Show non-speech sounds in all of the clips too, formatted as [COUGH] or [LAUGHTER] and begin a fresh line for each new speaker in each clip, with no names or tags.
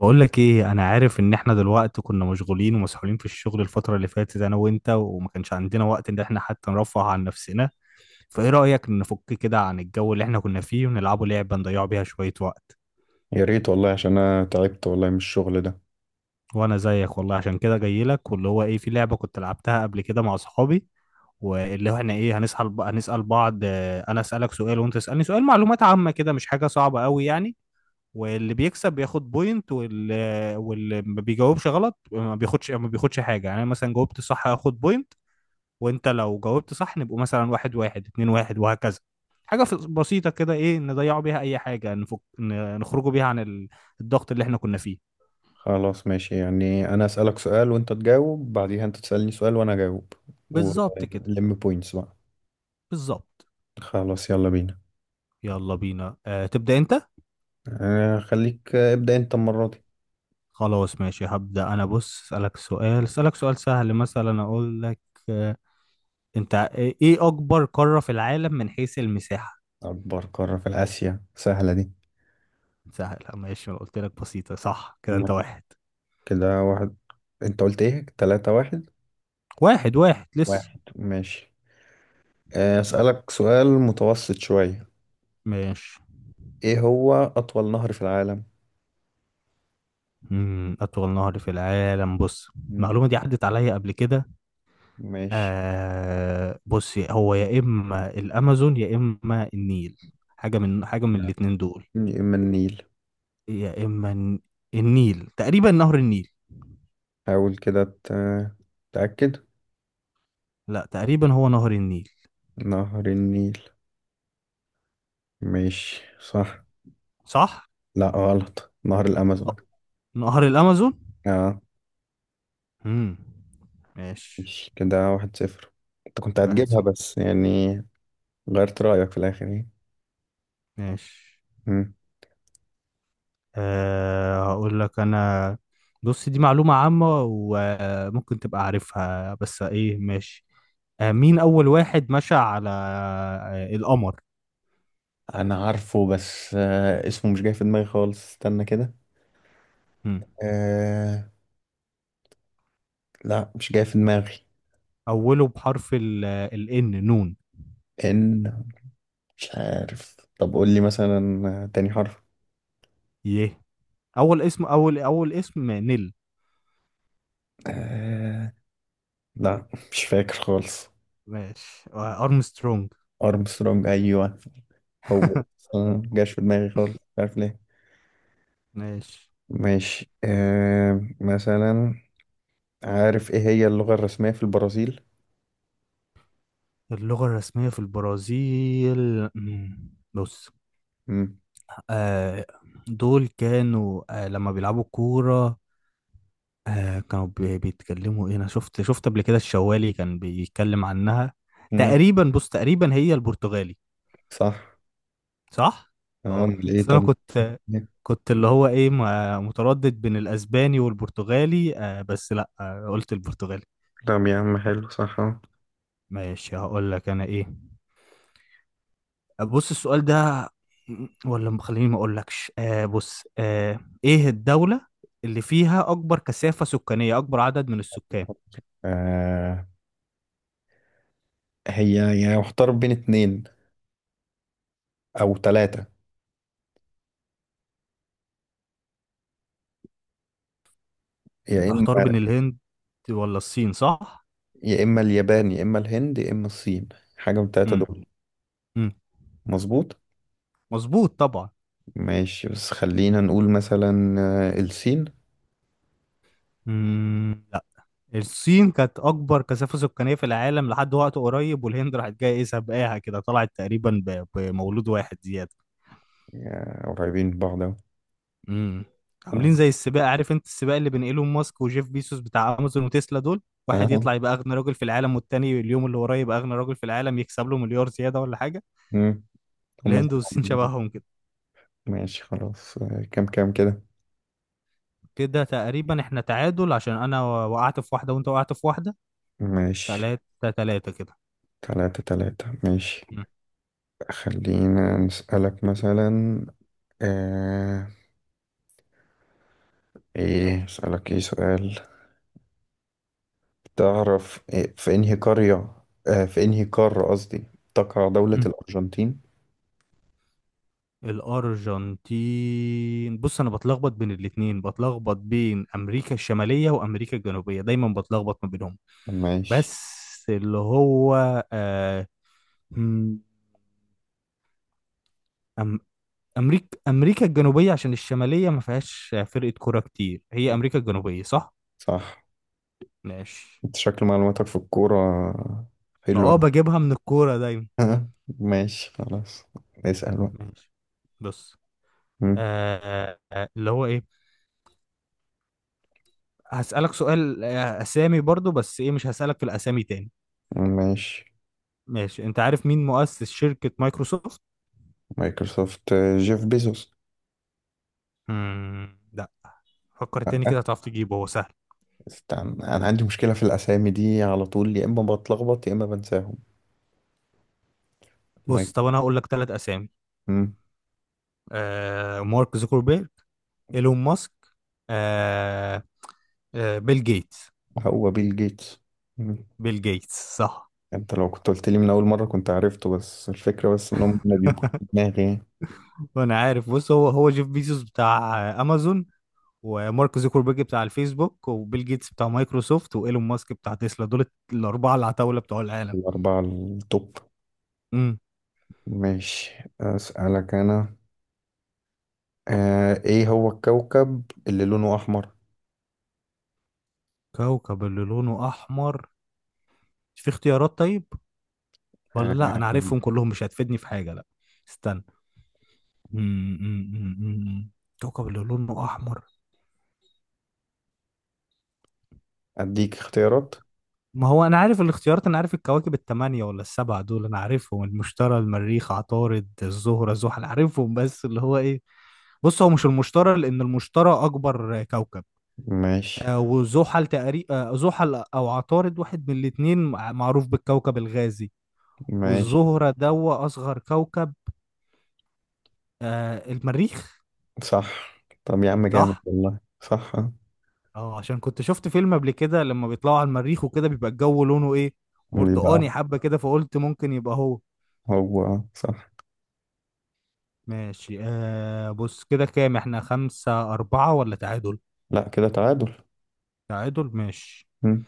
بقول لك ايه، انا عارف ان احنا دلوقتي كنا مشغولين ومسحولين في الشغل الفترة اللي فاتت انا وانت، وما كانش عندنا وقت ان احنا حتى نرفه عن نفسنا. فايه رأيك نفك كده عن الجو اللي احنا كنا فيه ونلعبه لعبة نضيع بيها شوية وقت؟
يا ريت والله، عشان انا تعبت والله من الشغل ده.
وانا زيك والله، عشان كده جاي لك، واللي هو ايه، في لعبة كنت لعبتها قبل كده مع صحابي. واللي هو احنا ايه، هنسأل بعض. آه، انا اسألك سؤال وانت تسألني سؤال، معلومات عامة كده، مش حاجة صعبة قوي يعني. واللي بيكسب بياخد بوينت، واللي ما بيجاوبش غلط ما بياخدش حاجه. يعني أنا مثلا جاوبت صح هاخد بوينت، وانت لو جاوبت صح نبقوا مثلا 1-1، 2-1، وهكذا. حاجه بسيطه كده، ايه، نضيعوا بيها اي حاجه، نفك، نخرجوا بيها عن الضغط اللي احنا كنا فيه.
خلاص، ماشي يعني انا اسالك سؤال وانت تجاوب، بعديها انت تسالني سؤال وانا اجاوب
بالظبط كده.
ولم بوينتس بقى.
بالظبط.
خلاص، يلا بينا.
يلا بينا، أه، تبدا انت.
خليك. ابدا انت المره دي.
خلاص ماشي، هبدا انا. بص، اسالك سؤال سهل، مثلا اقول لك. أه. انت ايه اكبر قاره في العالم من حيث المساحه؟
اكبر قاره في اسيا، سهله دي.
سهل ماشي، انا قلت لك بسيطة، صح كده. انت
يلا.
واحد.
كده واحد. انت قلت ايه؟ 3-1؟
واحد واحد لسه.
واحد. ماشي. اسالك سؤال متوسط شويه.
ماشي.
ايه هو اطول نهر في العالم؟
أطول نهر في العالم، بص.
مم.
المعلومة دي عدت عليا قبل كده.
ماشي.
آه بص، هو يا إما الأمازون يا إما النيل، حاجة من
نعم.
الاتنين دول.
من النيل.
يا إما النيل، تقريبا نهر النيل.
حاول كده، تأكد.
لا تقريبا هو نهر النيل.
نهر النيل. ماشي، صح.
صح؟
لا، غلط، نهر
أه،
الأمازون.
نهر الأمازون.
اه،
مم. ماشي.
ماشي، كده 1-0. انت كنت
واحد
هتجيبها
صفر
بس يعني. غيرت رأيك في الآخر يعني.
ماشي.
مم.
أه هقول لك انا. بص، دي معلومة عامة وممكن تبقى عارفها، بس ايه، ماشي. أه مين اول واحد مشى على القمر؟
أنا عارفه، بس اسمه مش جاي في دماغي خالص. استنى كده.
مم.
آه. لا، مش جاي في دماغي.
اوله بحرف ال، الان نون.
إن. مش عارف. طب قول لي مثلا تاني حرف.
يه. اول اسم نيل.
آه. لا، مش فاكر خالص.
ماشي. ارمسترونج.
أرمسترونج، أيوه. هو
[LAUGHS]
بس، مجاش في دماغي خالص، مش عارف ليه.
ماشي.
ماشي. مثلا، عارف ايه هي اللغة الرسمية في البرازيل؟
اللغة الرسمية في البرازيل، مم. بص،
مم.
آه، دول كانوا، لما بيلعبوا كورة، كانوا بيتكلموا ايه، انا شفت قبل كده الشوالي كان بيتكلم عنها.
مم.
تقريبا بص، تقريبا هي البرتغالي.
صح.
صح.
اه،
اه
ايه
بس انا
طب.
كنت، اللي هو ايه، متردد بين الاسباني والبرتغالي. آه بس لا، قلت البرتغالي.
طب يا عم، حلو، صح، اه.
ماشي هقول لك انا ايه. بص السؤال ده، ولا خليني ما اقولكش. آه بص، ايه الدولة اللي فيها اكبر كثافة سكانية، اكبر عدد من السكان؟
آه هي يعني محتار بين اتنين او تلاتة. يا اما
محتار بين الهند ولا الصين، صح؟
يا اما اليابان، يا اما الهند، يا اما الصين. حاجة من التلاتة
امم
دول.
مم.
مظبوط.
مظبوط طبعا.
ماشي، بس خلينا نقول مثلا الصين.
مم. لا، الصين كانت اكبر كثافه سكانيه في العالم لحد وقت قريب، والهند راحت جايه ايه، سابقاها كده، طلعت تقريبا بمولود واحد زياده.
قريبين من بعض اهو.
مم. عاملين
اه.
زي السباق. عارف انت السباق اللي بين ايلون ماسك وجيف بيسوس بتاع امازون وتسلا دول؟ واحد
آه.
يطلع يبقى اغنى راجل في العالم، والتاني اليوم اللي وراه يبقى اغنى راجل في العالم، يكسب له مليار زياده ولا حاجه.
مم. هم.
الهند والصين شبههم كده.
ماشي، خلاص. كام كام كده؟
كده تقريبا احنا تعادل، عشان انا وقعت في واحده وانت وقعت في واحده.
ماشي.
3-3 كده.
3-3. ماشي. خلينا نسألك مثلا. آه ايه، اسألك ايه سؤال. تعرف إيه، في انهي قرية، في انهي قارة قصدي، تقع دولة
مم.
الأرجنتين؟
الأرجنتين، بص أنا بتلخبط بين الاتنين، بتلخبط بين أمريكا الشمالية وأمريكا الجنوبية، دايما بتلخبط ما بينهم.
ماشي،
بس اللي هو، آه مم، أم أمريكا الجنوبية، عشان الشمالية ما فيهاش فرقة كورة كتير، هي أمريكا الجنوبية، صح؟
صح.
ماشي.
انت شكل معلوماتك في الكورة
أنا
حلوة.
أه بجيبها من الكورة دايما.
[LAUGHS] ماشي، خلاص. اسأل بقى.
ماشي، بص،
مم.
آه اللي هو إيه، هسألك سؤال، أسامي برضو بس إيه، مش هسألك في الأسامي تاني.
ماشي.
ماشي. انت عارف مين مؤسس شركة مايكروسوفت؟
مايكروسوفت؟ جيف بيزوس.
مم. لا، فكر تاني
لأ.
كده هتعرف تجيبه، هو سهل.
استنى، انا عندي مشكلة في الأسامي دي على طول، يا اما بتلخبط يا اما بنساهم.
بص
مايك.
طب انا هقول لك ثلاث اسامي.
مم.
آه، مارك زوكربيرج، ايلون ماسك، آه آه بيل جيتس.
هو بيل جيتس. مم.
بيل جيتس صح.
انت لو كنت قلت لي من اول مره كنت عرفته، بس الفكره بس انهم ما بيبقوش في دماغي.
[LAUGHS] وانا عارف. بص، هو جيف بيزوس بتاع امازون، ومارك زوكربيرج بتاع الفيسبوك، وبيل جيتس بتاع مايكروسوفت، وايلون ماسك بتاع تسلا، دول الاربعة العتاولة بتوع العالم.
الاربعه التوب.
امم
ماشي، اسالك انا. ايه هو الكوكب اللي لونه احمر؟
كوكب اللي لونه احمر، مش في اختيارات طيب؟ ولا لا،
آه
انا عارفهم كلهم مش هتفيدني في حاجه، لا. استنى. م- م- م- م- كوكب اللي لونه احمر.
اديك اختيارات.
ما هو انا عارف الاختيارات، انا عارف الكواكب الثمانيه ولا السبعه دول، انا عارفهم: المشتري، المريخ، عطارد، الزهره، زحل، عارفهم، بس اللي هو ايه. بص هو مش المشتري، لان المشتري اكبر كوكب.
ماشي،
آه، وزحل تقريبا، زحل او عطارد، واحد من الاثنين معروف بالكوكب الغازي.
ماشي،
والزهره دوا اصغر كوكب. آه، المريخ.
صح. طب يا عم، جامد
صح.
والله، صح، آه.
اه عشان كنت شفت فيلم قبل كده لما بيطلعوا على المريخ وكده بيبقى الجو لونه ايه،
بيبقى
برتقاني
أحمر.
حبة كده، فقلت ممكن يبقى هو.
هو صح.
ماشي. آه بص، كده كام احنا، 5-4 ولا تعادل؟
لا، كده تعادل.
تعادل ماشي.
مم.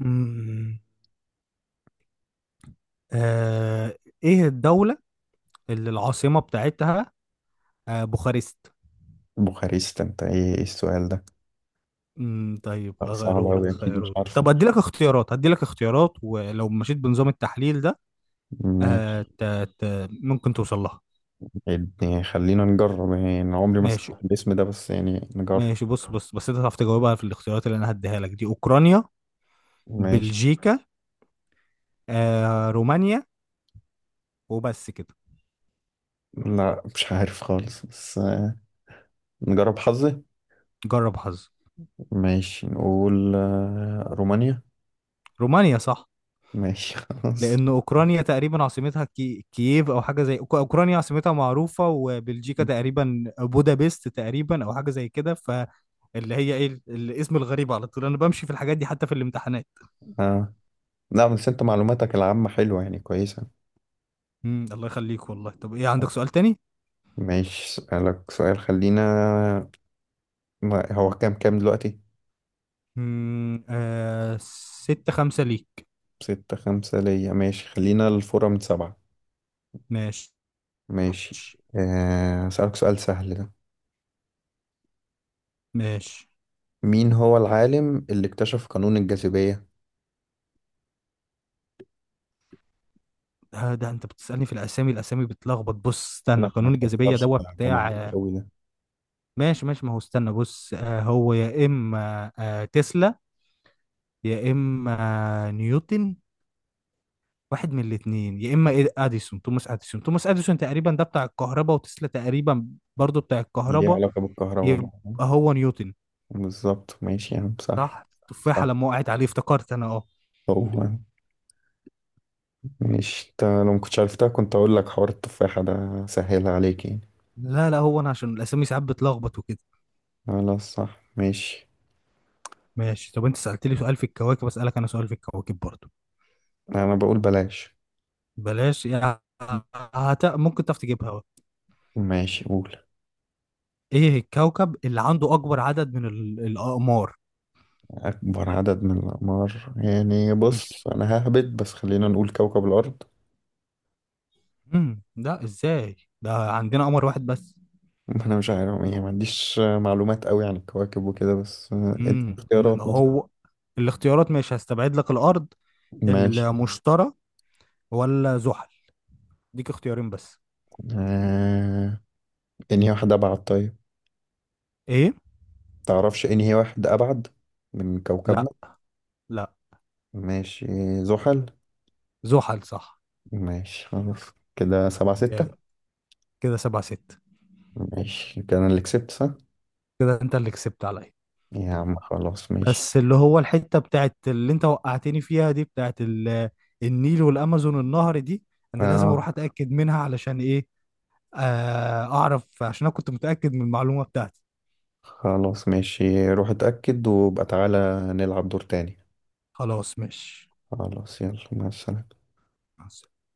مم. آه ايه الدولة اللي العاصمة بتاعتها آه بوخارست؟
بوخارست؟ انت ايه السؤال ده؟
طيب
لا، صعب
اغيره
أوي،
لك،
أكيد مش
خيره.
عارفه.
طب ادي لك اختيارات، ولو مشيت بنظام التحليل ده. آه
ماشي.
ت... ممكن توصل لها.
يعني خلينا نجرب، يعني أنا عمري ما
ماشي
سمعت الاسم ده، بس يعني نجرب.
ماشي، بص بص، بس انت تعرف تجاوبها في الاختيارات اللي انا هديها لك دي: اوكرانيا،
ماشي.
بلجيكا، آه، رومانيا. وبس كده.
لا، مش عارف خالص، بس نجرب حظي.
جرب حظ.
ماشي، نقول رومانيا.
رومانيا صح.
ماشي. [LAUGHS] خلاص.
لان اوكرانيا تقريبا عاصمتها كييف او حاجه زي، اوكرانيا عاصمتها معروفه، وبلجيكا تقريبا بودابست تقريبا او حاجه زي كده، فاللي هي ايه، الاسم الغريب، على طول انا بمشي في الحاجات دي حتى في الامتحانات.
آه. لا، بس انت معلوماتك العامة حلوة، يعني كويسة.
مم. الله يخليك والله. طب ايه، عندك سؤال تاني؟
ماشي، اسألك سؤال. خلينا، ما هو كام كام دلوقتي؟
مم. 6-5 ليك.
6-5 ليا. ماشي، خلينا الفورة من سبعة.
ماشي
ماشي. اسألك سؤال سهل ده.
ماشي.
مين هو العالم اللي اكتشف قانون الجاذبية؟
ده انت بتسألني في الاسامي، الاسامي بتلخبط. بص استنى،
لا، ما
قانون الجاذبية ده
تفكرش. ده معروف
بتاع.
قوي ده.
ماشي ماشي، ما هو استنى. بص، آه، هو يا اما آه، تسلا، يا اما آه، نيوتن. واحد من الاثنين، يا اما اديسون، توماس اديسون تقريبا ده بتاع الكهرباء، وتسلا تقريبا برضو بتاع
ليه
الكهرباء.
علاقة بالكهرباء
يبقى
بقى؟
هو نيوتن.
بالظبط، ماشي يا عم، صح.
صح
صح.
التفاحة لما وقعت عليه افتكرت انا، اه.
هو مش لو ما كنتش عرفتها كنت اقول لك حوار التفاحة ده سهلها عليك يعني.
لا لا، هو انا عشان الاسامي ساعات بتلخبط وكده.
خلاص، صح، ماشي.
ماشي. طب انت سألتلي سؤال في الكواكب، اسألك انا سؤال في الكواكب برضو.
انا بقول بلاش.
بلاش يعني؟ ممكن تعرف تجيبها.
ماشي، قول.
ايه الكوكب اللي عنده اكبر عدد من الاقمار؟
اكبر عدد من الاقمار يعني؟ بص، انا ههبط، بس خلينا نقول كوكب الارض.
ده ازاي؟ ده عندنا قمر واحد بس.
[LAUGHS] ما انا مش عارف يعني، ما عنديش معلومات قوي عن الكواكب وكده، بس ادي
امم
اختيارات مثلا.
هو الاختيارات، ماشي هستبعد لك الارض.
ماشي.
المشتري ولا زحل، ديك اختيارين بس.
آه، انهي واحد ابعد طيب؟
ايه؟
تعرفش انهي واحد ابعد من كوكبنا؟
لا، لا.
ماشي. زحل.
زحل صح.
ماشي، خلاص. كده سبعة
جامد.
ستة
كده 7-6.
ماشي، كده انا اللي كسبت، صح؟
كده انت اللي كسبت عليا.
يا عم، خلاص، ماشي.
بس اللي هو الحتة بتاعت اللي انت وقعتني فيها دي، بتاعت النيل والامازون، النهر دي، انا لازم
آه.
اروح اتاكد منها، علشان ايه، آه، اعرف، عشان انا كنت متاكد من المعلومة بتاعتي.
خلاص، ماشي، روح اتأكد وابقى تعالى. نلعب دور تاني.
خلاص ماشي.
خلاص، يلا، مع السلامة.
مع السلامة.